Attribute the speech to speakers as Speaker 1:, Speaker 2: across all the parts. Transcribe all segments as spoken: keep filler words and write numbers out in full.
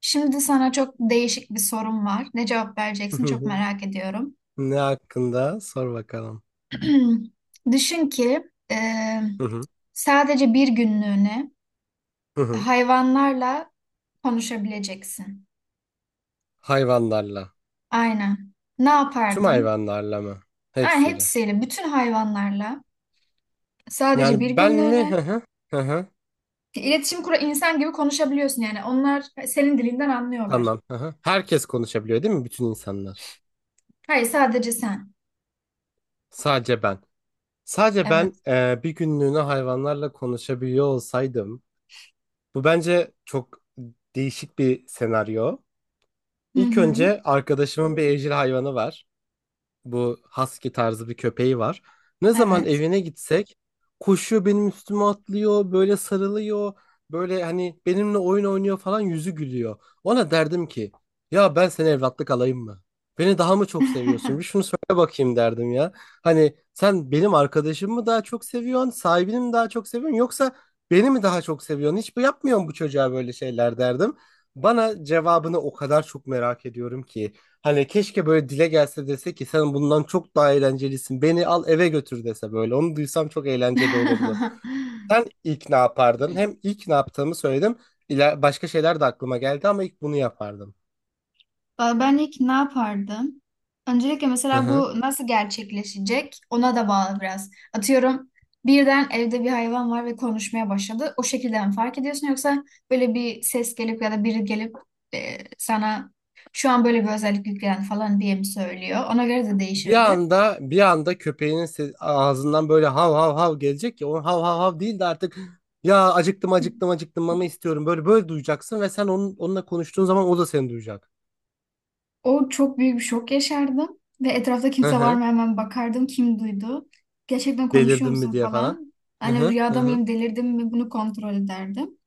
Speaker 1: Şimdi sana çok değişik bir sorum var. Ne cevap
Speaker 2: Hı
Speaker 1: vereceksin çok
Speaker 2: hı.
Speaker 1: merak ediyorum.
Speaker 2: Ne hakkında? Sor bakalım.
Speaker 1: Düşün ki e,
Speaker 2: Hı hı.
Speaker 1: sadece bir günlüğüne
Speaker 2: Hı hı.
Speaker 1: hayvanlarla konuşabileceksin.
Speaker 2: Hayvanlarla.
Speaker 1: Aynen. Ne
Speaker 2: Tüm
Speaker 1: yapardın?
Speaker 2: hayvanlarla mı?
Speaker 1: Aynen
Speaker 2: Hepsiyle.
Speaker 1: hepsiyle, bütün hayvanlarla sadece bir
Speaker 2: Yani ben mi?
Speaker 1: günlüğüne
Speaker 2: Hı hı. Hı hı.
Speaker 1: iletişim kura insan gibi konuşabiliyorsun yani. Onlar senin dilinden anlıyorlar.
Speaker 2: Tamam. Hı hı. Herkes konuşabiliyor değil mi? Bütün insanlar.
Speaker 1: Hayır, sadece sen.
Speaker 2: Sadece ben. Sadece ben
Speaker 1: Evet.
Speaker 2: e, bir günlüğüne hayvanlarla konuşabiliyor olsaydım. Bu bence çok değişik bir senaryo.
Speaker 1: Hı
Speaker 2: İlk
Speaker 1: hı.
Speaker 2: önce arkadaşımın bir evcil hayvanı var. Bu husky tarzı bir köpeği var. Ne zaman
Speaker 1: Evet.
Speaker 2: evine gitsek koşuyor, benim üstüme atlıyor, böyle sarılıyor, böyle hani benimle oyun oynuyor falan, yüzü gülüyor. Ona derdim ki ya ben seni evlatlık alayım mı? Beni daha mı çok seviyorsun? Bir şunu söyle bakayım derdim ya. Hani sen benim arkadaşımı mı daha çok seviyorsun, sahibini mi daha çok seviyorsun yoksa beni mi daha çok seviyorsun? Hiç bu yapmıyorsun, bu çocuğa böyle şeyler derdim. Bana cevabını o kadar çok merak ediyorum ki. Hani keşke böyle dile gelse, dese ki sen bundan çok daha eğlencelisin, beni al eve götür dese böyle. Onu duysam çok eğlenceli olurdu. Sen ilk ne yapardın? Hem ilk ne yaptığımı söyledim. İla- başka şeyler de aklıma geldi ama ilk bunu yapardım.
Speaker 1: Valla Ben ilk ne yapardım? Öncelikle
Speaker 2: Hı
Speaker 1: mesela
Speaker 2: hı.
Speaker 1: bu nasıl gerçekleşecek ona da bağlı biraz. Atıyorum birden evde bir hayvan var ve konuşmaya başladı. O şekilde mi fark ediyorsun, yoksa böyle bir ses gelip ya da biri gelip e, sana şu an böyle bir özellik yüklen falan diye mi söylüyor? Ona göre de
Speaker 2: Bir
Speaker 1: değişirdi.
Speaker 2: anda bir anda köpeğinin se- ağzından böyle hav hav hav gelecek ya. Onun hav hav hav değil de artık ya acıktım acıktım acıktım, mama istiyorum. Böyle böyle duyacaksın ve sen onun, onunla konuştuğun zaman o da seni duyacak.
Speaker 1: O çok büyük bir şok yaşardım ve etrafta
Speaker 2: Hı
Speaker 1: kimse var
Speaker 2: hı.
Speaker 1: mı hemen bakardım kim duydu. Gerçekten konuşuyor
Speaker 2: Delirdin
Speaker 1: musun
Speaker 2: mi diye falan.
Speaker 1: falan.
Speaker 2: Hı
Speaker 1: Hani
Speaker 2: hı, hı
Speaker 1: rüyada
Speaker 2: hı,
Speaker 1: mıyım, delirdim mi bunu kontrol ederdim.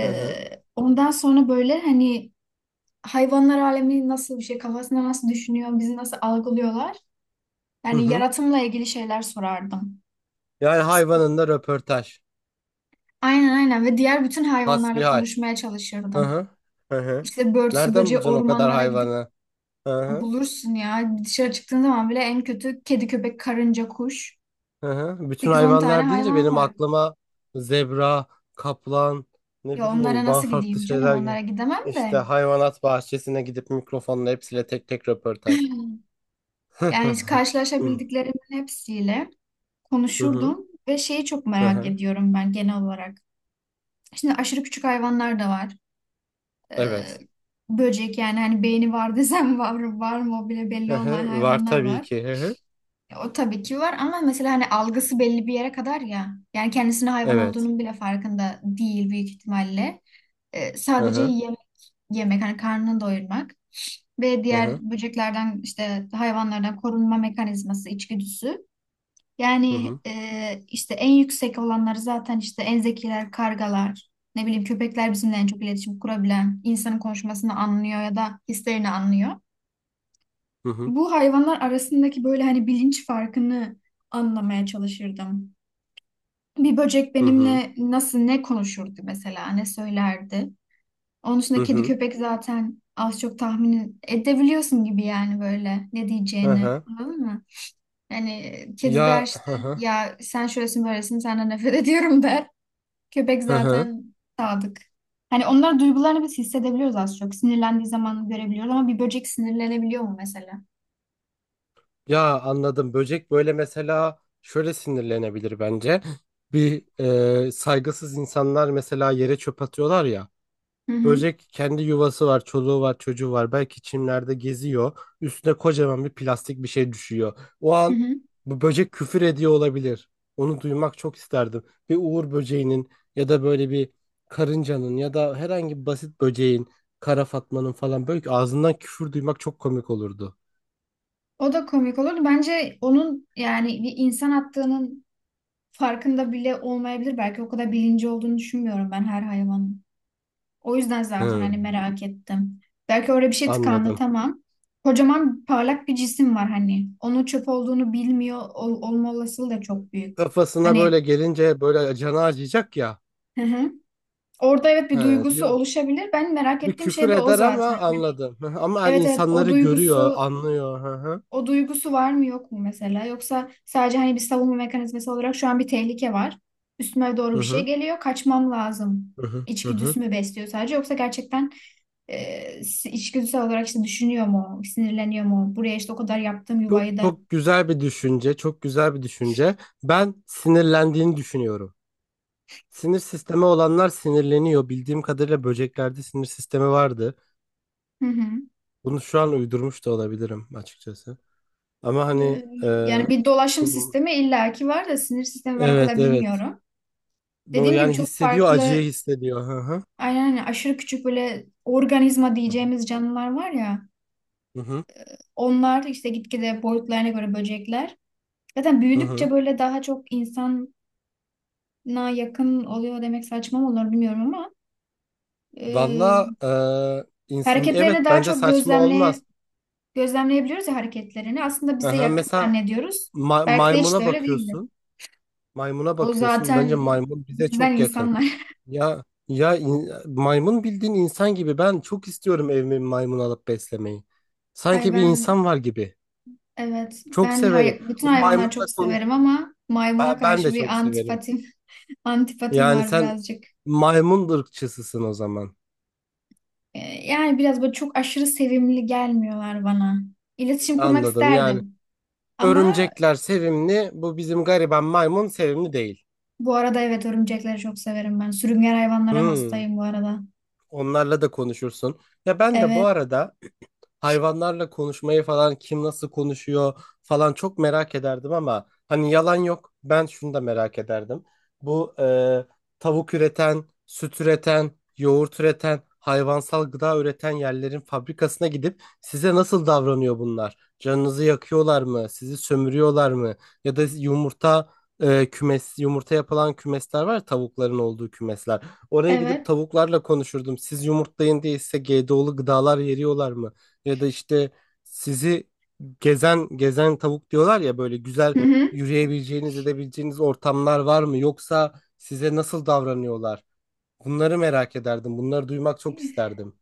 Speaker 2: hı hı.
Speaker 1: ondan sonra böyle hani hayvanlar alemi nasıl bir şey, kafasında nasıl düşünüyor, bizi nasıl algılıyorlar.
Speaker 2: Hı
Speaker 1: Yani
Speaker 2: hı.
Speaker 1: yaratımla ilgili şeyler sorardım.
Speaker 2: Yani hayvanında röportaj.
Speaker 1: Aynen aynen, ve diğer bütün hayvanlarla
Speaker 2: Hasbihal.
Speaker 1: konuşmaya
Speaker 2: Hı
Speaker 1: çalışırdım.
Speaker 2: hı. Hı hı.
Speaker 1: İşte börtüsü
Speaker 2: Nereden
Speaker 1: böceği
Speaker 2: bulacaksın o kadar
Speaker 1: ormanlara gidip
Speaker 2: hayvanı? Hı hı.
Speaker 1: bulursun ya. Dışarı çıktığın zaman bile en kötü kedi, köpek, karınca, kuş.
Speaker 2: Hı hı. Bütün
Speaker 1: sekiz on tane
Speaker 2: hayvanlar deyince
Speaker 1: hayvan
Speaker 2: benim
Speaker 1: var.
Speaker 2: aklıma zebra, kaplan, ne
Speaker 1: Ya onlara
Speaker 2: bileyim daha
Speaker 1: nasıl
Speaker 2: farklı
Speaker 1: gideyim canım?
Speaker 2: şeyler gel.
Speaker 1: Onlara gidemem
Speaker 2: İşte
Speaker 1: de.
Speaker 2: hayvanat bahçesine gidip mikrofonla hepsiyle tek tek röportaj.
Speaker 1: Yani
Speaker 2: Hı
Speaker 1: hiç karşılaşabildiklerim hepsiyle
Speaker 2: hı.
Speaker 1: konuşurdum ve şeyi çok
Speaker 2: Hı
Speaker 1: merak
Speaker 2: hı.
Speaker 1: ediyorum ben genel olarak. Şimdi aşırı küçük hayvanlar da var. Ee,
Speaker 2: Evet.
Speaker 1: böcek yani hani beyni var desem var, var mı o bile belli
Speaker 2: Hı
Speaker 1: olmayan
Speaker 2: hı. Var
Speaker 1: hayvanlar
Speaker 2: tabii
Speaker 1: var.
Speaker 2: ki. Hı hı.
Speaker 1: Ya, O tabii ki var ama mesela hani algısı belli bir yere kadar ya. Yani kendisinin hayvan
Speaker 2: Evet.
Speaker 1: olduğunun bile farkında değil büyük ihtimalle. Ee,
Speaker 2: Hı
Speaker 1: sadece
Speaker 2: hı.
Speaker 1: yem- yemek hani karnını doyurmak ve
Speaker 2: Hı
Speaker 1: diğer
Speaker 2: hı.
Speaker 1: böceklerden işte hayvanlardan korunma mekanizması, içgüdüsü.
Speaker 2: Hı
Speaker 1: Yani
Speaker 2: hı.
Speaker 1: e, işte en yüksek olanları zaten işte en zekiler, kargalar, ne bileyim köpekler bizimle en çok iletişim kurabilen, insanın konuşmasını anlıyor ya da hislerini anlıyor.
Speaker 2: Hı hı.
Speaker 1: Bu hayvanlar arasındaki böyle hani bilinç farkını anlamaya çalışırdım. Bir böcek
Speaker 2: Hı hı.
Speaker 1: benimle nasıl, ne konuşurdu mesela, ne söylerdi. Onun
Speaker 2: Hı
Speaker 1: dışında kedi
Speaker 2: hı.
Speaker 1: köpek zaten az çok tahmin edebiliyorsun gibi yani, böyle ne
Speaker 2: Hı
Speaker 1: diyeceğini.
Speaker 2: hı.
Speaker 1: Anladın mı? Hani kedi der
Speaker 2: Ya,
Speaker 1: işte,
Speaker 2: hı hı.
Speaker 1: ya sen şöylesin böylesin senden nefret ediyorum, der. Köpek
Speaker 2: Hı hı.
Speaker 1: zaten sadık. Hani onlar duygularını biz hissedebiliyoruz az çok. Sinirlendiği zaman görebiliyoruz, ama bir böcek sinirlenebiliyor mu mesela?
Speaker 2: Ya, anladım. Böcek böyle mesela şöyle sinirlenebilir bence. Bir e, saygısız insanlar mesela yere çöp atıyorlar ya.
Speaker 1: Hı hı.
Speaker 2: Böcek, kendi yuvası var, çoluğu var, çocuğu var. Belki çimlerde geziyor. Üstüne kocaman bir plastik bir şey düşüyor. O
Speaker 1: Hı
Speaker 2: an
Speaker 1: hı.
Speaker 2: bu böcek küfür ediyor olabilir. Onu duymak çok isterdim. Bir uğur böceğinin ya da böyle bir karıncanın ya da herhangi bir basit böceğin, kara fatmanın falan böyle ağzından küfür duymak çok komik olurdu.
Speaker 1: O da komik olurdu. Bence onun yani bir insan attığının farkında bile olmayabilir. Belki o kadar bilinci olduğunu düşünmüyorum ben her hayvanın. O yüzden zaten
Speaker 2: Hı,
Speaker 1: hani merak ettim. Belki orada bir şey tıkandı
Speaker 2: anladım.
Speaker 1: tamam. Kocaman parlak bir cisim var hani. Onun çöp olduğunu bilmiyor ol- olma olasılığı da çok büyük.
Speaker 2: Kafasına
Speaker 1: Hani
Speaker 2: böyle gelince böyle canı acıyacak ya.
Speaker 1: hı hı. Orada evet bir
Speaker 2: He,
Speaker 1: duygusu
Speaker 2: diyor.
Speaker 1: oluşabilir. Ben merak
Speaker 2: Bir
Speaker 1: ettiğim
Speaker 2: küfür
Speaker 1: şey de o
Speaker 2: eder ama,
Speaker 1: zaten. Hani
Speaker 2: anladım. Hı hı. Ama her
Speaker 1: evet evet, o
Speaker 2: insanları görüyor,
Speaker 1: duygusu
Speaker 2: anlıyor. Hı hı.
Speaker 1: O duygusu var mı yok mu mesela? Yoksa sadece hani bir savunma mekanizması olarak şu an bir tehlike var. Üstüme doğru
Speaker 2: Hı
Speaker 1: bir şey
Speaker 2: hı.
Speaker 1: geliyor. Kaçmam lazım.
Speaker 2: Hı hı. Hı hı.
Speaker 1: İçgüdüsü mü besliyor sadece? Yoksa gerçekten e, si- içgüdüsel olarak işte düşünüyor mu? Sinirleniyor mu? Buraya işte o kadar yaptığım
Speaker 2: Çok,
Speaker 1: yuvayı da.
Speaker 2: çok güzel bir düşünce, çok güzel bir düşünce. Ben sinirlendiğini düşünüyorum. Sinir sistemi olanlar sinirleniyor. Bildiğim kadarıyla böceklerde sinir sistemi vardı.
Speaker 1: Hı hı.
Speaker 2: Bunu şu an uydurmuş da olabilirim açıkçası. Ama hani
Speaker 1: E,
Speaker 2: e,
Speaker 1: yani bir dolaşım
Speaker 2: kul-
Speaker 1: sistemi illaki var da sinir sistemi ben o
Speaker 2: evet,
Speaker 1: kadar
Speaker 2: evet.
Speaker 1: bilmiyorum.
Speaker 2: Bu
Speaker 1: Dediğim gibi
Speaker 2: yani
Speaker 1: çok
Speaker 2: hissediyor, acıyı
Speaker 1: farklı,
Speaker 2: hissediyor. Hı hı.
Speaker 1: aynen hani aşırı küçük böyle organizma diyeceğimiz canlılar var ya.
Speaker 2: Hı hı.
Speaker 1: Onlar işte gitgide boyutlarına göre böcekler. Zaten
Speaker 2: Hı hı.
Speaker 1: büyüdükçe böyle daha çok insana yakın oluyor demek saçma mı olur bilmiyorum ama
Speaker 2: Valla
Speaker 1: e,
Speaker 2: e, insan, evet,
Speaker 1: hareketlerini daha
Speaker 2: bence
Speaker 1: çok
Speaker 2: saçma
Speaker 1: gözlemle
Speaker 2: olmaz.
Speaker 1: gözlemleyebiliyoruz ya hareketlerini. Aslında bize
Speaker 2: Aha,
Speaker 1: yakın
Speaker 2: mesela
Speaker 1: zannediyoruz.
Speaker 2: ma-
Speaker 1: Belki de hiç
Speaker 2: maymuna
Speaker 1: de öyle değildir.
Speaker 2: bakıyorsun. Maymuna
Speaker 1: O
Speaker 2: bakıyorsun. Bence
Speaker 1: zaten
Speaker 2: maymun bize
Speaker 1: bizden
Speaker 2: çok yakın.
Speaker 1: insanlar.
Speaker 2: Ya ya in- maymun bildiğin insan gibi. Ben çok istiyorum evime bir maymun alıp beslemeyi.
Speaker 1: Ay
Speaker 2: Sanki bir
Speaker 1: ben,
Speaker 2: insan var gibi.
Speaker 1: evet
Speaker 2: Çok
Speaker 1: ben
Speaker 2: severim.
Speaker 1: hay- bütün
Speaker 2: O
Speaker 1: hayvanları
Speaker 2: maymunla
Speaker 1: çok
Speaker 2: konuş.
Speaker 1: severim ama maymuna
Speaker 2: Ben, ben de
Speaker 1: karşı bir
Speaker 2: çok severim.
Speaker 1: antipatim, antipatim
Speaker 2: Yani
Speaker 1: var
Speaker 2: sen
Speaker 1: birazcık.
Speaker 2: maymun ırkçısısın o zaman.
Speaker 1: E, yani biraz böyle çok aşırı sevimli gelmiyorlar bana. İletişim kurmak
Speaker 2: Anladım. Yani
Speaker 1: isterdim. Ama
Speaker 2: örümcekler sevimli. Bu bizim gariban maymun sevimli değil.
Speaker 1: Bu arada evet, örümcekleri çok severim ben. Sürüngen hayvanlara
Speaker 2: Hmm,
Speaker 1: hastayım bu arada.
Speaker 2: Onlarla da konuşursun. Ya ben de bu
Speaker 1: Evet,
Speaker 2: arada hayvanlarla konuşmayı falan, kim nasıl konuşuyor falan çok merak ederdim ama hani yalan yok, ben şunu da merak ederdim. Bu e, tavuk üreten, süt üreten, yoğurt üreten, hayvansal gıda üreten yerlerin fabrikasına gidip size nasıl davranıyor bunlar? Canınızı yakıyorlar mı? Sizi sömürüyorlar mı? Ya da yumurta e, kümes, yumurta yapılan kümesler var ya, tavukların olduğu kümesler. Oraya gidip
Speaker 1: evet.
Speaker 2: tavuklarla konuşurdum. Siz yumurtlayın diye size G D O'lu gıdalar veriyorlar mı? Ya da işte sizi, gezen gezen tavuk diyorlar ya, böyle güzel
Speaker 1: Hı hı.
Speaker 2: yürüyebileceğiniz, edebileceğiniz ortamlar var mı, yoksa size nasıl davranıyorlar? Bunları merak ederdim. Bunları duymak çok isterdim.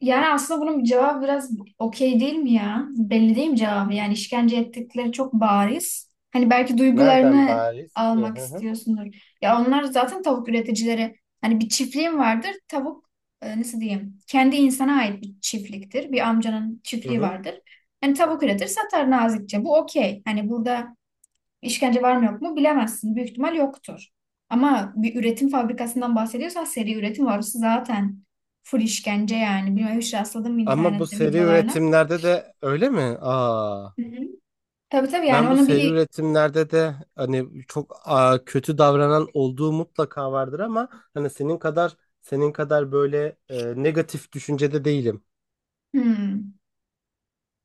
Speaker 1: Yani aslında bunun cevabı biraz okey değil mi ya? Belli değil mi cevabı? Yani işkence ettikleri çok bariz. Hani belki
Speaker 2: Nereden
Speaker 1: duygularını
Speaker 2: bariz ki?
Speaker 1: almak
Speaker 2: Hı hı.
Speaker 1: istiyorsundur. Ya onlar zaten tavuk üreticileri. Hani bir çiftliğim vardır. Tavuk, e, nasıl diyeyim? Kendi insana ait bir çiftliktir. Bir amcanın
Speaker 2: Hı
Speaker 1: çiftliği
Speaker 2: hı.
Speaker 1: vardır. Hani tavuk üretir satar nazikçe. Bu okey. Hani burada, İşkence var mı yok mu bilemezsin. Büyük ihtimal yoktur. Ama bir üretim fabrikasından bahsediyorsan seri üretim var. Orası zaten full işkence yani. Bilmiyorum hiç rastladım mı
Speaker 2: Ama bu
Speaker 1: internette
Speaker 2: seri
Speaker 1: videolarına.
Speaker 2: üretimlerde de öyle mi? Aa,
Speaker 1: Hı hı. Tabii tabii, yani
Speaker 2: ben bu
Speaker 1: onu
Speaker 2: seri
Speaker 1: bir,
Speaker 2: üretimlerde de hani çok aa, kötü davranan olduğu mutlaka vardır ama hani senin kadar senin kadar böyle e, negatif düşüncede değilim.
Speaker 1: Hmm.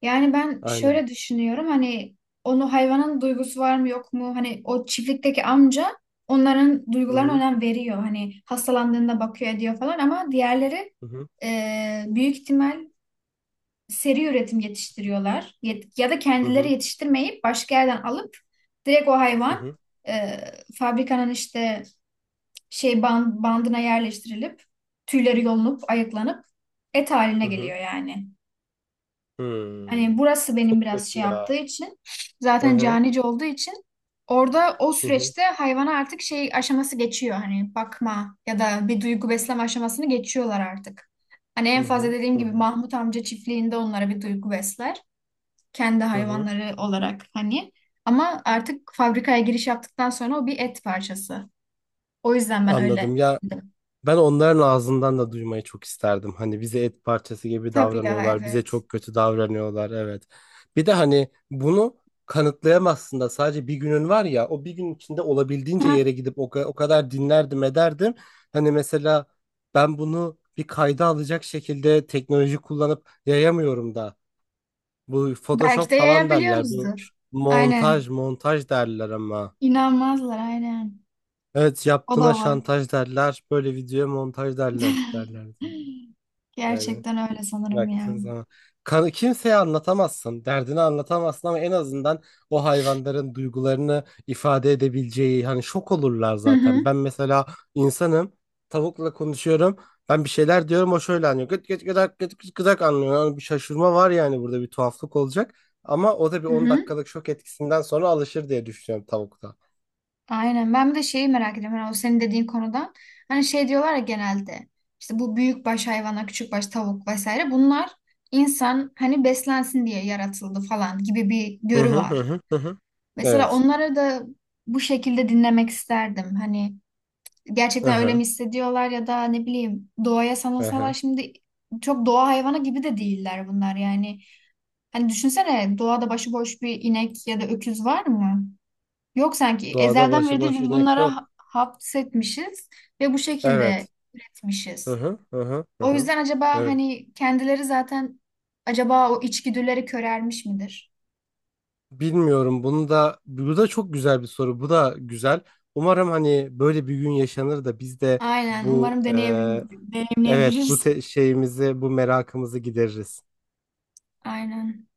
Speaker 1: yani ben
Speaker 2: Aynen.
Speaker 1: şöyle düşünüyorum hani onu, hayvanın duygusu var mı yok mu, hani o çiftlikteki amca onların
Speaker 2: Hı
Speaker 1: duygularına
Speaker 2: hı.
Speaker 1: önem veriyor hani hastalandığında bakıyor ediyor falan, ama diğerleri
Speaker 2: Hı hı,
Speaker 1: e, büyük ihtimal seri üretim yetiştiriyorlar, Yet- ya da
Speaker 2: hı
Speaker 1: kendileri
Speaker 2: hı,
Speaker 1: yetiştirmeyip başka yerden alıp direkt o
Speaker 2: hı
Speaker 1: hayvan
Speaker 2: hı,
Speaker 1: e, fabrikanın işte şey ban- bandına yerleştirilip tüyleri yolunup ayıklanıp et haline
Speaker 2: hı hı.
Speaker 1: geliyor yani.
Speaker 2: Hmm.
Speaker 1: Hani burası
Speaker 2: Çok
Speaker 1: benim biraz
Speaker 2: kötü
Speaker 1: şey yaptığı
Speaker 2: ya.
Speaker 1: için,
Speaker 2: Hı
Speaker 1: zaten
Speaker 2: hı,
Speaker 1: canice olduğu için, orada o
Speaker 2: hı hı,
Speaker 1: süreçte hayvana artık şey aşaması geçiyor, hani bakma ya da bir duygu besleme aşamasını geçiyorlar artık. Hani en
Speaker 2: hı hı,
Speaker 1: fazla dediğim
Speaker 2: hı
Speaker 1: gibi
Speaker 2: hı,
Speaker 1: Mahmut amca çiftliğinde onlara bir duygu besler, kendi
Speaker 2: hı hı.
Speaker 1: hayvanları olarak hani. Ama artık fabrikaya giriş yaptıktan sonra o bir et parçası. O yüzden ben öyle
Speaker 2: Anladım ya.
Speaker 1: dedim.
Speaker 2: Ben onların ağzından da duymayı çok isterdim. Hani bize et parçası gibi
Speaker 1: Tabii ya,
Speaker 2: davranıyorlar, bize
Speaker 1: evet.
Speaker 2: çok kötü davranıyorlar. Evet. Bir de hani bunu kanıtlayamazsın da, sadece bir günün var ya, o bir gün içinde olabildiğince
Speaker 1: Ha,
Speaker 2: yere gidip o, ka- o kadar dinlerdim ederdim. Hani mesela ben bunu bir kayda alacak şekilde teknoloji kullanıp yayamıyorum da. Bu
Speaker 1: Belki
Speaker 2: Photoshop
Speaker 1: de
Speaker 2: falan derler. Bu
Speaker 1: yayabiliyoruzdur. Aynen.
Speaker 2: montaj, montaj derler ama.
Speaker 1: İnanmazlar aynen.
Speaker 2: Evet,
Speaker 1: O da
Speaker 2: yaptığına
Speaker 1: var.
Speaker 2: şantaj derler. Böyle videoya montaj derler, derlerdi. Yani.
Speaker 1: Gerçekten öyle sanırım ya.
Speaker 2: Baktığın zaman kan, kimseye anlatamazsın, derdini anlatamazsın ama en azından o hayvanların duygularını ifade edebileceği, hani şok olurlar
Speaker 1: Hı hı.
Speaker 2: zaten. Ben mesela insanım, tavukla konuşuyorum. Ben bir şeyler diyorum, o şöyle anlıyor. Gıt gıt gıdak, gıt gıt gıdak anlıyor. Yani bir şaşırma var, yani burada bir tuhaflık olacak. Ama o da bir
Speaker 1: Hı
Speaker 2: on
Speaker 1: hı.
Speaker 2: dakikalık şok etkisinden sonra alışır diye düşünüyorum tavukta.
Speaker 1: Aynen. Ben bir de şeyi merak ediyorum. Yani o senin dediğin konudan. Hani şey diyorlar ya genelde. İşte bu büyükbaş hayvanlar, küçükbaş tavuk vesaire. Bunlar insan hani beslensin diye yaratıldı falan gibi bir
Speaker 2: Hı
Speaker 1: görü
Speaker 2: hı, hı
Speaker 1: var.
Speaker 2: hı, hı. hı.
Speaker 1: Mesela
Speaker 2: Evet.
Speaker 1: onları da bu şekilde dinlemek isterdim. Hani
Speaker 2: Hı
Speaker 1: gerçekten öyle mi
Speaker 2: hı,
Speaker 1: hissediyorlar, ya da ne bileyim, doğaya
Speaker 2: hı
Speaker 1: sanılsalar
Speaker 2: hı.
Speaker 1: şimdi çok doğa hayvanı gibi de değiller bunlar yani. Hani düşünsene, doğada başıboş bir inek ya da öküz var mı? Yok, sanki
Speaker 2: Doğada
Speaker 1: ezelden beridir
Speaker 2: başıboş
Speaker 1: biz
Speaker 2: inek
Speaker 1: bunlara ha-
Speaker 2: yok.
Speaker 1: hapsetmişiz ve bu şekilde
Speaker 2: Evet. Hı
Speaker 1: üretmişiz.
Speaker 2: hı hı, hı hı,
Speaker 1: O
Speaker 2: hı.
Speaker 1: yüzden acaba
Speaker 2: Evet.
Speaker 1: hani kendileri zaten, acaba o içgüdüleri körelmiş midir?
Speaker 2: Bilmiyorum. Bunu da, bu da çok güzel bir soru. Bu da güzel. Umarım hani böyle bir gün yaşanır da biz de
Speaker 1: Aynen,
Speaker 2: bu
Speaker 1: umarım
Speaker 2: e, evet, bu
Speaker 1: deneyimleyebiliriz.
Speaker 2: te- şeyimizi, bu merakımızı gideririz.
Speaker 1: Aynen.